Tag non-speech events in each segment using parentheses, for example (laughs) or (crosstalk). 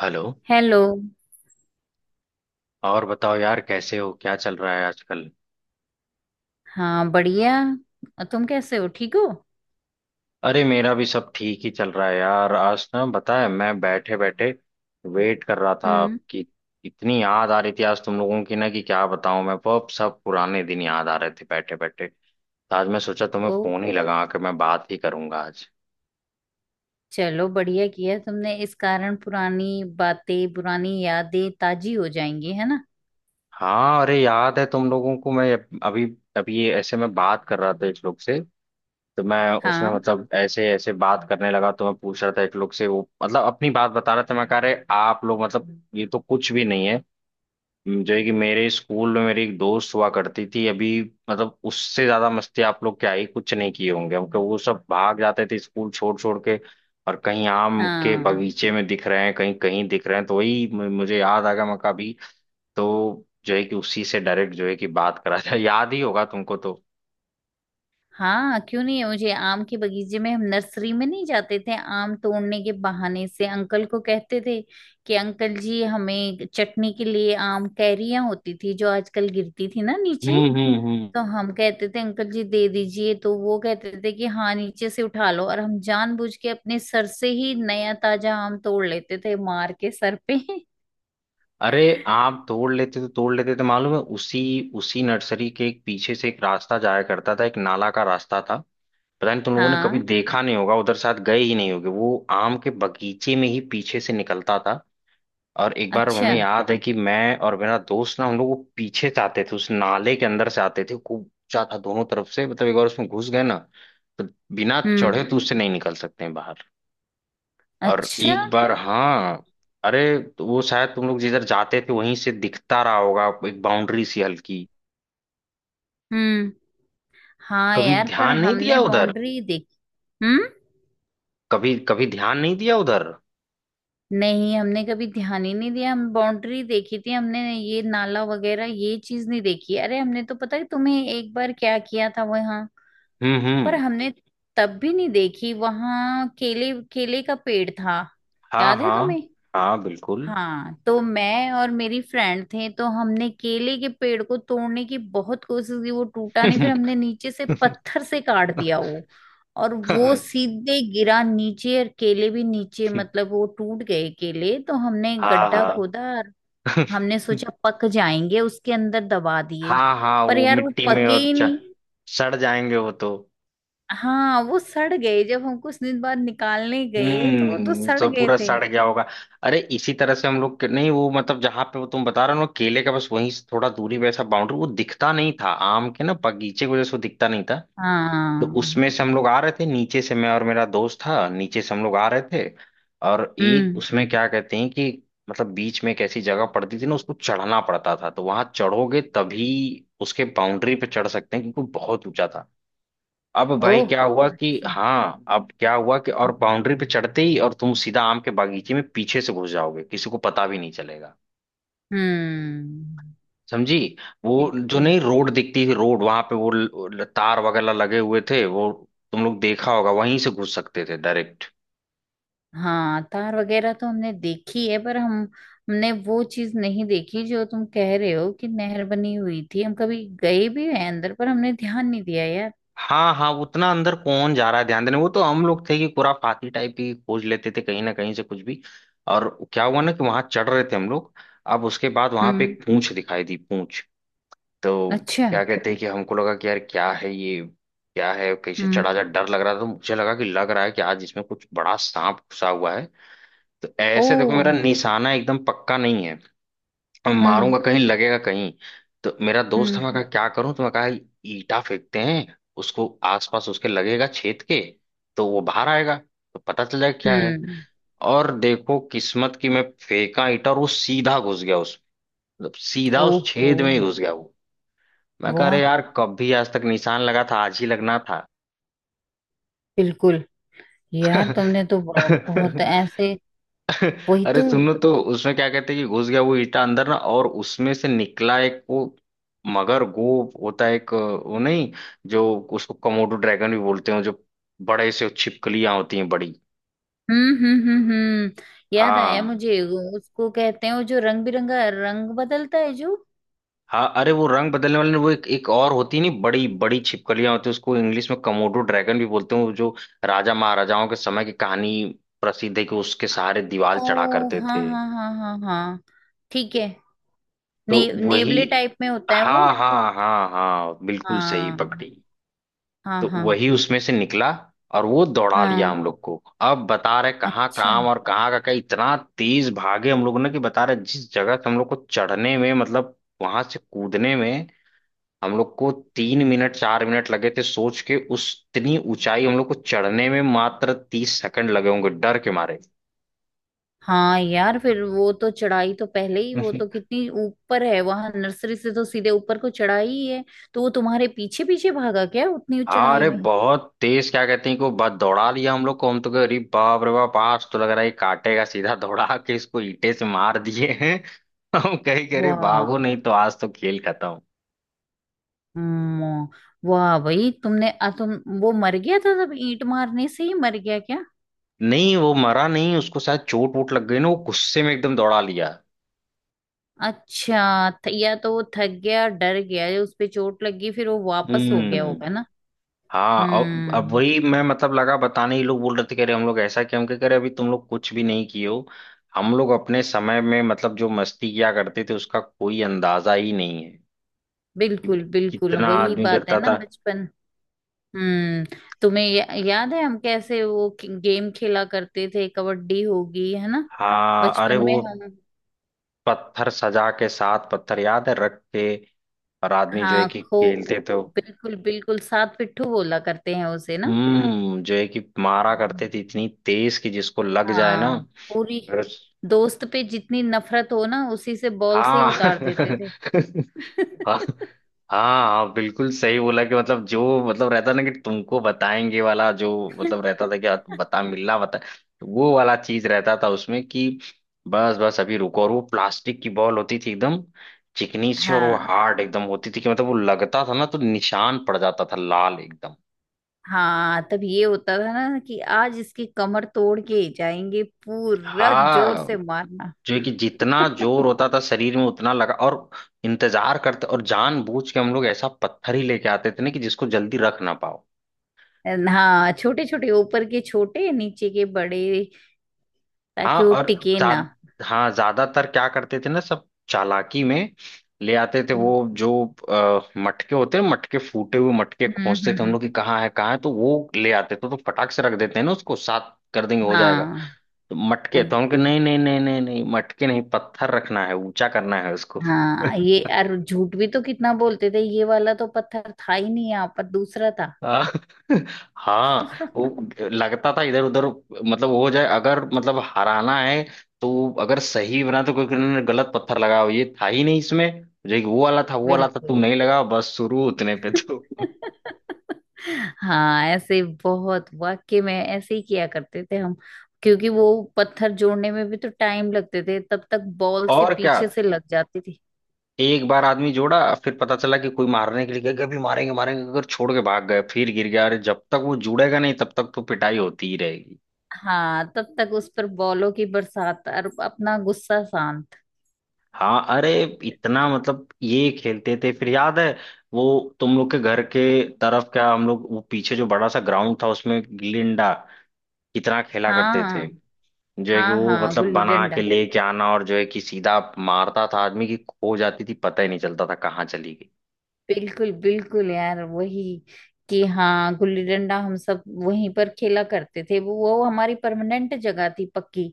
Hello. Hello. और बताओ यार, कैसे हो? क्या चल रहा है आजकल? हाँ बढ़िया। और तुम कैसे हो? ठीक हो? अरे मेरा भी सब ठीक ही चल रहा है यार। आज ना, बताया, मैं बैठे बैठे वेट कर रहा था हम्म। कि इतनी याद आ रही थी आज तुम लोगों की ना, कि क्या बताऊं मैं, वो सब पुराने दिन याद आ रहे थे बैठे बैठे। तो आज मैं सोचा तुम्हें ओ, फोन ही लगा के मैं बात ही करूंगा आज। चलो बढ़िया किया तुमने। इस कारण पुरानी बातें, पुरानी यादें ताजी हो जाएंगी, है ना। हाँ अरे, याद है तुम लोगों को, मैं अभी अभी ये ऐसे मैं बात कर रहा था एक लोग से। तो मैं उसमें हाँ मतलब ऐसे ऐसे बात करने लगा, तो मैं पूछ रहा था एक लोग से, वो मतलब अपनी बात बता रहा था। मैं कह रहे, आप लोग मतलब ये तो कुछ भी नहीं है जो है कि मेरे स्कूल में मेरी एक दोस्त हुआ करती थी अभी। मतलब उससे ज्यादा मस्ती आप लोग क्या ही कुछ नहीं किए होंगे, क्योंकि वो सब भाग जाते थे स्कूल छोड़ छोड़ के और कहीं आम के हाँ बगीचे में दिख रहे हैं, कहीं कहीं दिख रहे हैं। तो वही मुझे याद आ गया, मैं कहा अभी। तो जो है कि उसी से डायरेक्ट जो है कि बात करा था (laughs) याद ही होगा तुमको तो। हाँ, क्यों नहीं। मुझे आम के बगीचे में, हम नर्सरी में नहीं जाते थे आम तोड़ने के बहाने से? अंकल को कहते थे कि अंकल जी हमें चटनी के लिए आम, कैरियां होती थी जो आजकल गिरती थी ना नीचे। हम्म हम्म तो हम कहते थे अंकल जी दे दीजिए, तो वो कहते थे कि हाँ नीचे से उठा लो। और हम जानबूझ के अपने सर से ही नया ताजा आम तोड़ लेते थे, मार के सर पे। (laughs) अरे, आप तोड़ लेते तो तोड़ लेते थे। मालूम है, उसी उसी नर्सरी के एक पीछे से एक रास्ता जाया करता था, एक नाला का रास्ता था। पता नहीं तुम लोगों ने कभी हाँ। देखा नहीं होगा उधर, शायद गए ही नहीं होगे। वो आम के बगीचे में ही पीछे से निकलता था। और एक बार अच्छा। हमें याद है कि मैं और मेरा दोस्त ना, हम लोग वो पीछे से आते थे, उस नाले के अंदर से आते थे। खूब ऊंचा था दोनों तरफ से, मतलब एक बार उसमें घुस गए ना, तो बिना हम्म। चढ़े तो उससे नहीं निकल सकते हैं बाहर। और अच्छा। एक बार, हाँ अरे, तो वो शायद तुम लोग जिधर जाते थे वहीं से दिखता रहा होगा एक बाउंड्री सी हल्की। हम्म। हाँ कभी यार, पर ध्यान नहीं हमने दिया उधर, बाउंड्री देखी। हम्म। कभी कभी ध्यान नहीं दिया उधर। नहीं, हमने कभी ध्यान ही नहीं दिया। हम बाउंड्री देखी थी, हमने ये नाला वगैरह ये चीज नहीं देखी। अरे हमने, तो पता है तुम्हें एक बार क्या किया था वहां हम्म। पर? हम्म। हमने तब भी नहीं देखी, वहां केले केले का पेड़ था। हाँ याद है हाँ तुम्हें? हाँ, बिल्कुल। हाँ, तो मैं और मेरी फ्रेंड थे, तो हमने केले के पेड़ को तोड़ने की बहुत कोशिश की। वो टूटा नहीं, फिर हमने नीचे से (laughs) पत्थर से काट दिया वो। और वो हाँ सीधे गिरा नीचे, और केले भी नीचे, मतलब वो टूट गए केले। तो हमने गड्ढा हाँ खोदा, और हमने सोचा पक जाएंगे उसके अंदर, दबा दिए। हाँ हाँ, पर वो यार वो मिट्टी में पके और ही नहीं। सड़ जाएंगे वो तो। हाँ वो सड़ गए। जब हम कुछ दिन बाद निकालने गए तो वो तो हम्म, सड़ तो गए पूरा थे। सड़ गया होगा। अरे, इसी तरह से हम लोग नहीं, वो मतलब जहां पे वो तुम बता रहे हो ना, केले का, बस वहीं से थोड़ा दूरी पे ऐसा बाउंड्री वो दिखता नहीं था आम के ना बगीचे की वजह से, वो दिखता नहीं था। तो हाँ। उसमें से हम लोग आ रहे थे नीचे से, मैं और मेरा दोस्त था, नीचे से हम लोग आ रहे थे। और एक हम्म। उसमें क्या कहते हैं कि मतलब बीच में एक ऐसी जगह पड़ती थी ना, उसको चढ़ना पड़ता था। तो वहां चढ़ोगे तभी उसके बाउंड्री पे चढ़ सकते हैं, क्योंकि बहुत ऊंचा था। अब भाई ओह। क्या हुआ कि, अच्छा। हाँ, अब क्या हुआ कि, और बाउंड्री पे चढ़ते ही और तुम सीधा आम के बागीचे में पीछे से घुस जाओगे, किसी को पता भी नहीं चलेगा। हम्म। समझी? वो जो बिल्कुल। नहीं रोड दिखती थी, रोड वहां पे वो तार वगैरह लगे हुए थे वो। तुम लोग देखा होगा, वहीं से घुस सकते थे डायरेक्ट। हाँ तार वगैरह तो हमने देखी है, पर हम हमने वो चीज नहीं देखी जो तुम कह रहे हो कि नहर बनी हुई थी। हम कभी गए भी हैं अंदर, पर हमने ध्यान नहीं दिया यार। हाँ हाँ, उतना अंदर कौन जा रहा है ध्यान देने? वो तो हम लोग थे कि खुराफाती टाइप, ही खोज लेते थे कहीं ना कहीं से कुछ भी। और क्या हुआ ना कि वहां चढ़ रहे थे हम लोग। अब उसके बाद वहां पे हम्म। एक पूंछ दिखाई दी, पूंछ। तो अच्छा। क्या कहते हैं कि हमको लगा कि यार क्या है ये, क्या है, कैसे हम्म। चढ़ा जा, डर लग रहा था। तो मुझे लगा कि, लग रहा है कि आज इसमें कुछ बड़ा सांप घुसा हुआ है। तो ऐसे देखो, मेरा ओह। निशाना एकदम पक्का नहीं है। अब हम्म मारूंगा कहीं, लगेगा कहीं। तो मेरा दोस्त हमें कहा, हम्म क्या करूं? तो मैं कहा, ईटा फेंकते हैं उसको। आसपास उसके लगेगा छेद के, तो वो बाहर आएगा, तो पता चल जाएगा क्या है। हम्म। और देखो किस्मत की, मैं फेंका ईटा और वो सीधा घुस गया उस, मतलब सीधा उस ओहो। छेद में ही घुस गया वो। मैं कह रहे, वाह। यार कभी आज तक निशान लगा था, आज ही लगना था। बिल्कुल। यार तुमने (laughs) तो बहुत ऐसे। वही अरे तो। सुनो, तो उसमें क्या कहते हैं कि घुस गया वो ईटा अंदर ना, और उसमें से निकला एक वो, मगर गोप होता है एक, वो नहीं जो, उसको कमोडो ड्रैगन भी बोलते हैं जो, बड़े से छिपकलियां होती हैं, बड़ी। हम्म। याद आया हाँ मुझे। वो उसको कहते हैं वो जो रंग बिरंगा, रंग बदलता है जो। हाँ, अरे वो रंग बदलने वाले ने वो, एक एक और होती है नहीं, बड़ी बड़ी छिपकलियां होती है, उसको इंग्लिश में कमोडो ड्रैगन भी बोलते हैं, वो जो राजा महाराजाओं के समय की कहानी प्रसिद्ध है कि उसके आ- सहारे दीवार चढ़ा ओ करते हाँ थे। हाँ हाँ हाँ हाँ। ठीक है। तो वही। नेवले टाइप में होता है वो। हाँ हाँ हाँ हाँ, बिल्कुल सही हाँ पकड़ी। हाँ तो हाँ वही उसमें से निकला और वो दौड़ा लिया हाँ। हम लोग को। अब बता रहे, कहाँ अच्छा। काम और कहाँ का क्या! इतना तेज भागे हम लोग ने कि बता रहे जिस जगह से हम लोग को चढ़ने में मतलब वहां से कूदने में हम लोग को 3 मिनट 4 मिनट लगे थे सोच के उस, इतनी ऊंचाई हम लोग को चढ़ने में मात्र 30 सेकंड लगे होंगे डर के मारे। हाँ यार, फिर वो तो चढ़ाई तो पहले ही, वो तो (laughs) कितनी ऊपर है। वहां नर्सरी से तो सीधे ऊपर को चढ़ाई ही है। तो वो तुम्हारे पीछे पीछे भागा क्या उतनी हाँ, चढ़ाई अरे में? बहुत तेज, क्या कहते हैं को, बस दौड़ा लिया हम लोग को। हम तो कहे, अरे बाप रे बाप, आज तो लग रहा है ये काटेगा, सीधा दौड़ा के इसको ईंटे से मार दिए हैं। (laughs) हम कहे कि अरे वाह। बाबू नहीं तो, आज तो खेल खत्म। हम्म। वाह भाई, तुमने आ, तुम वो मर गया था? सब ईंट मारने से ही मर गया क्या? नहीं वो मरा नहीं, उसको शायद चोट वोट लग गई ना, वो गुस्से में एकदम दौड़ा लिया। अच्छा, या तो वो थक गया, डर गया, या उस पे चोट लग गई, फिर वो वापस हो गया हम्म। होगा ना। हाँ, अब हम्म। वही मैं मतलब लगा बताने ही, लोग बोल रहे थे, कह रहे हम लोग ऐसा क्या। हम कह रहे, अभी तुम लोग कुछ भी नहीं किए हो। हम लोग अपने समय में मतलब जो मस्ती किया करते थे, उसका कोई अंदाजा ही नहीं है। बिल्कुल, बिल्कुल कितना वही आदमी बात है करता ना, था। बचपन। हम्म। तुम्हें याद है हम कैसे वो गेम खेला करते थे? कबड्डी, होगी है ना? हाँ अरे, बचपन वो में हम, पत्थर सजा के, साथ पत्थर याद है रख के, और आदमी जो है हाँ कि खो खेलते थे। बिल्कुल बिल्कुल, सात पिट्ठू बोला करते हैं उसे ना। हम्म, जो है कि मारा करते थे इतनी तेज कि जिसको लग जाए ना, हाँ। पूरी और- दोस्त पे जितनी नफरत हो ना, उसी से, बॉल से ही हाँ। (laughs) उतार देते थे। हाँ (laughs) हाँ हाँ, बिल्कुल सही बोला कि मतलब जो, मतलब रहता ना कि तुमको बताएंगे वाला, जो मतलब रहता था कि आप बता, मिलना बता, वो वाला चीज रहता था उसमें कि बस बस अभी रुको। और वो प्लास्टिक की बॉल होती थी एकदम चिकनी सी, और वो हाँ। हार्ड एकदम होती थी कि मतलब वो लगता था ना, तो निशान पड़ जाता था लाल एकदम। हाँ तब ये होता था ना कि आज इसकी कमर तोड़ के ही जाएंगे, पूरा जोर हाँ, से मारना। जो है कि जितना (laughs) जोर होता था शरीर में उतना लगा, और इंतजार करते, और जानबूझ के हम लोग ऐसा पत्थर ही लेके आते थे ना कि जिसको जल्दी रख ना पाओ। हाँ छोटे छोटे ऊपर के, छोटे नीचे के बड़े, हाँ ताकि वो और टिके ना। हाँ, ज्यादातर क्या करते थे ना, सब चालाकी में ले आते थे वो हम्म। जो, मटके होते हैं, मटके, फूटे हुए मटके हम्म खोजते थे हम हम्म, लोग कि कहाँ है कहाँ है, तो वो ले आते थे, तो फटाक से रख देते हैं ना उसको, साथ कर देंगे, हो जाएगा। हाँ। तो हाँ मटके तो हम कहे, नहीं नहीं नहीं नहीं नहीं, मटके नहीं, पत्थर रखना है, ऊंचा करना है उसको। हाँ, ये और झूठ भी तो कितना बोलते थे, ये वाला तो पत्थर था ही नहीं, यहाँ पर दूसरा था। आ, (laughs) हाँ वो लगता था इधर उधर, मतलब वो हो जाए अगर, मतलब हराना है, तो अगर सही बना तो कोई किसी ने गलत पत्थर लगाओ, ये था ही नहीं इसमें, जो एक वो वाला था, वो वाला था, बिल्कुल। तुम नहीं लगाओ बस, शुरू उतने पे तो। हाँ ऐसे बहुत, वाकई में ऐसे ही किया करते थे हम। क्योंकि वो पत्थर जोड़ने में भी तो टाइम लगते थे, तब तक बॉल से और क्या, पीछे से लग जाती थी। एक बार आदमी जोड़ा, फिर पता चला कि कोई मारने के लिए गया, कभी मारेंगे मारेंगे, अगर छोड़ के भाग गए, फिर गिर गया, अरे जब तक वो जुड़ेगा नहीं तब तक तो पिटाई होती ही रहेगी। हाँ तब तक उस पर बॉलों की बरसात, और अपना गुस्सा शांत। हाँ अरे, इतना मतलब ये खेलते थे। फिर याद है वो, तुम लोग के घर के तरफ क्या हम लोग वो पीछे जो बड़ा सा ग्राउंड था, उसमें गिल्ली डंडा कितना खेला करते थे। हाँ। जो है कि हाँ वो हाँ मतलब गुल्ली बना के डंडा। लेके आना, और जो है कि सीधा मारता था आदमी, की खो जाती थी, पता ही नहीं चलता था कहाँ चली गई। बिल्कुल बिल्कुल यार, वही। कि हाँ, गुल्ली डंडा हम सब वहीं पर खेला करते थे। वो हमारी परमानेंट जगह थी पक्की।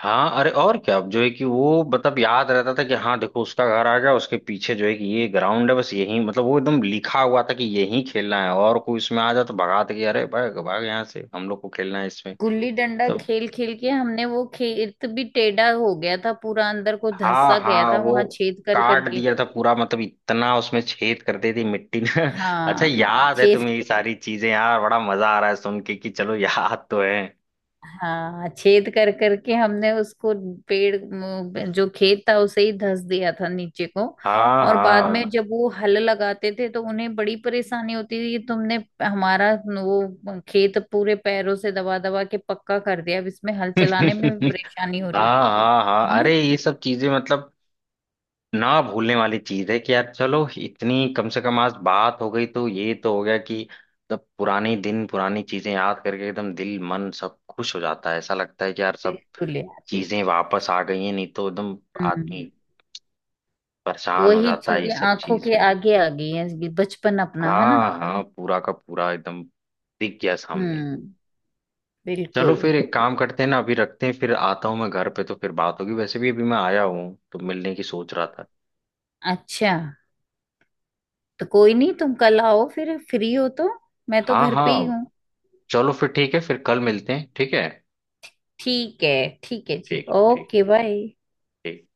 हाँ अरे, और क्या, अब जो है कि वो मतलब याद रहता था कि हाँ देखो उसका घर आ गया, उसके पीछे जो है कि ये ग्राउंड है, बस यही, मतलब वो एकदम लिखा हुआ था कि यही खेलना है, और कोई इसमें आ जाए तो भगा दे कि अरे भाग भाग यहाँ से, हम लोग को खेलना है इसमें। गुल्ली डंडा तो खेल खेल के हमने वो खेत भी टेढ़ा हो गया था, पूरा अंदर को हाँ धंसा गया हाँ, था, वो वहां छेद कर काट करके। दिया था पूरा, मतलब इतना उसमें छेद कर दी थी मिट्टी ने। (laughs) अच्छा हाँ याद है छेद। तुम्हें ये सारी चीजें यार, बड़ा मजा आ रहा है सुन के कि चलो याद तो है। हाँ, छेद कर करके हमने उसको, जो खेत था उसे ही धंस दिया था नीचे को। हाँ और बाद में हाँ। जब वो हल लगाते थे तो उन्हें बड़ी परेशानी होती थी कि तुमने हमारा वो खेत पूरे पैरों से दबा दबा के पक्का कर दिया, अब इसमें हल चलाने में भी (laughs) हाँ परेशानी हो रही, हाँ हाँ है हाँ, ना। अरे ये सब चीजें मतलब ना भूलने वाली चीज है कि यार, चलो इतनी कम से कम आज बात हो गई तो ये तो हो गया कि मतलब पुराने दिन पुरानी चीजें याद करके एकदम दिल मन सब खुश हो जाता है, ऐसा लगता है कि यार सब बिल्कुल यार। चीजें वापस आ गई हैं, नहीं तो एकदम हम्म। आदमी परेशान हो वही जाता है ये चीजें सब आंखों चीज के में। आगे आ गई हैं, ये बचपन अपना, है ना। हाँ हाँ, पूरा का पूरा एकदम दिख गया सामने। हम्म। चलो बिल्कुल। फिर एक काम करते हैं ना, अभी रखते हैं, फिर आता हूँ मैं घर पे तो फिर बात होगी, वैसे भी अभी मैं आया हूँ तो मिलने की सोच रहा था। अच्छा, तो कोई नहीं, तुम कल आओ फिर, फ्री हो तो। मैं तो हाँ घर पे ही हाँ, हूँ। चलो फिर ठीक है, फिर कल मिलते हैं, ठीक है? ठीक है। ठीक है जी, ठीक है। ठीक ओके है। बाय। ठीक।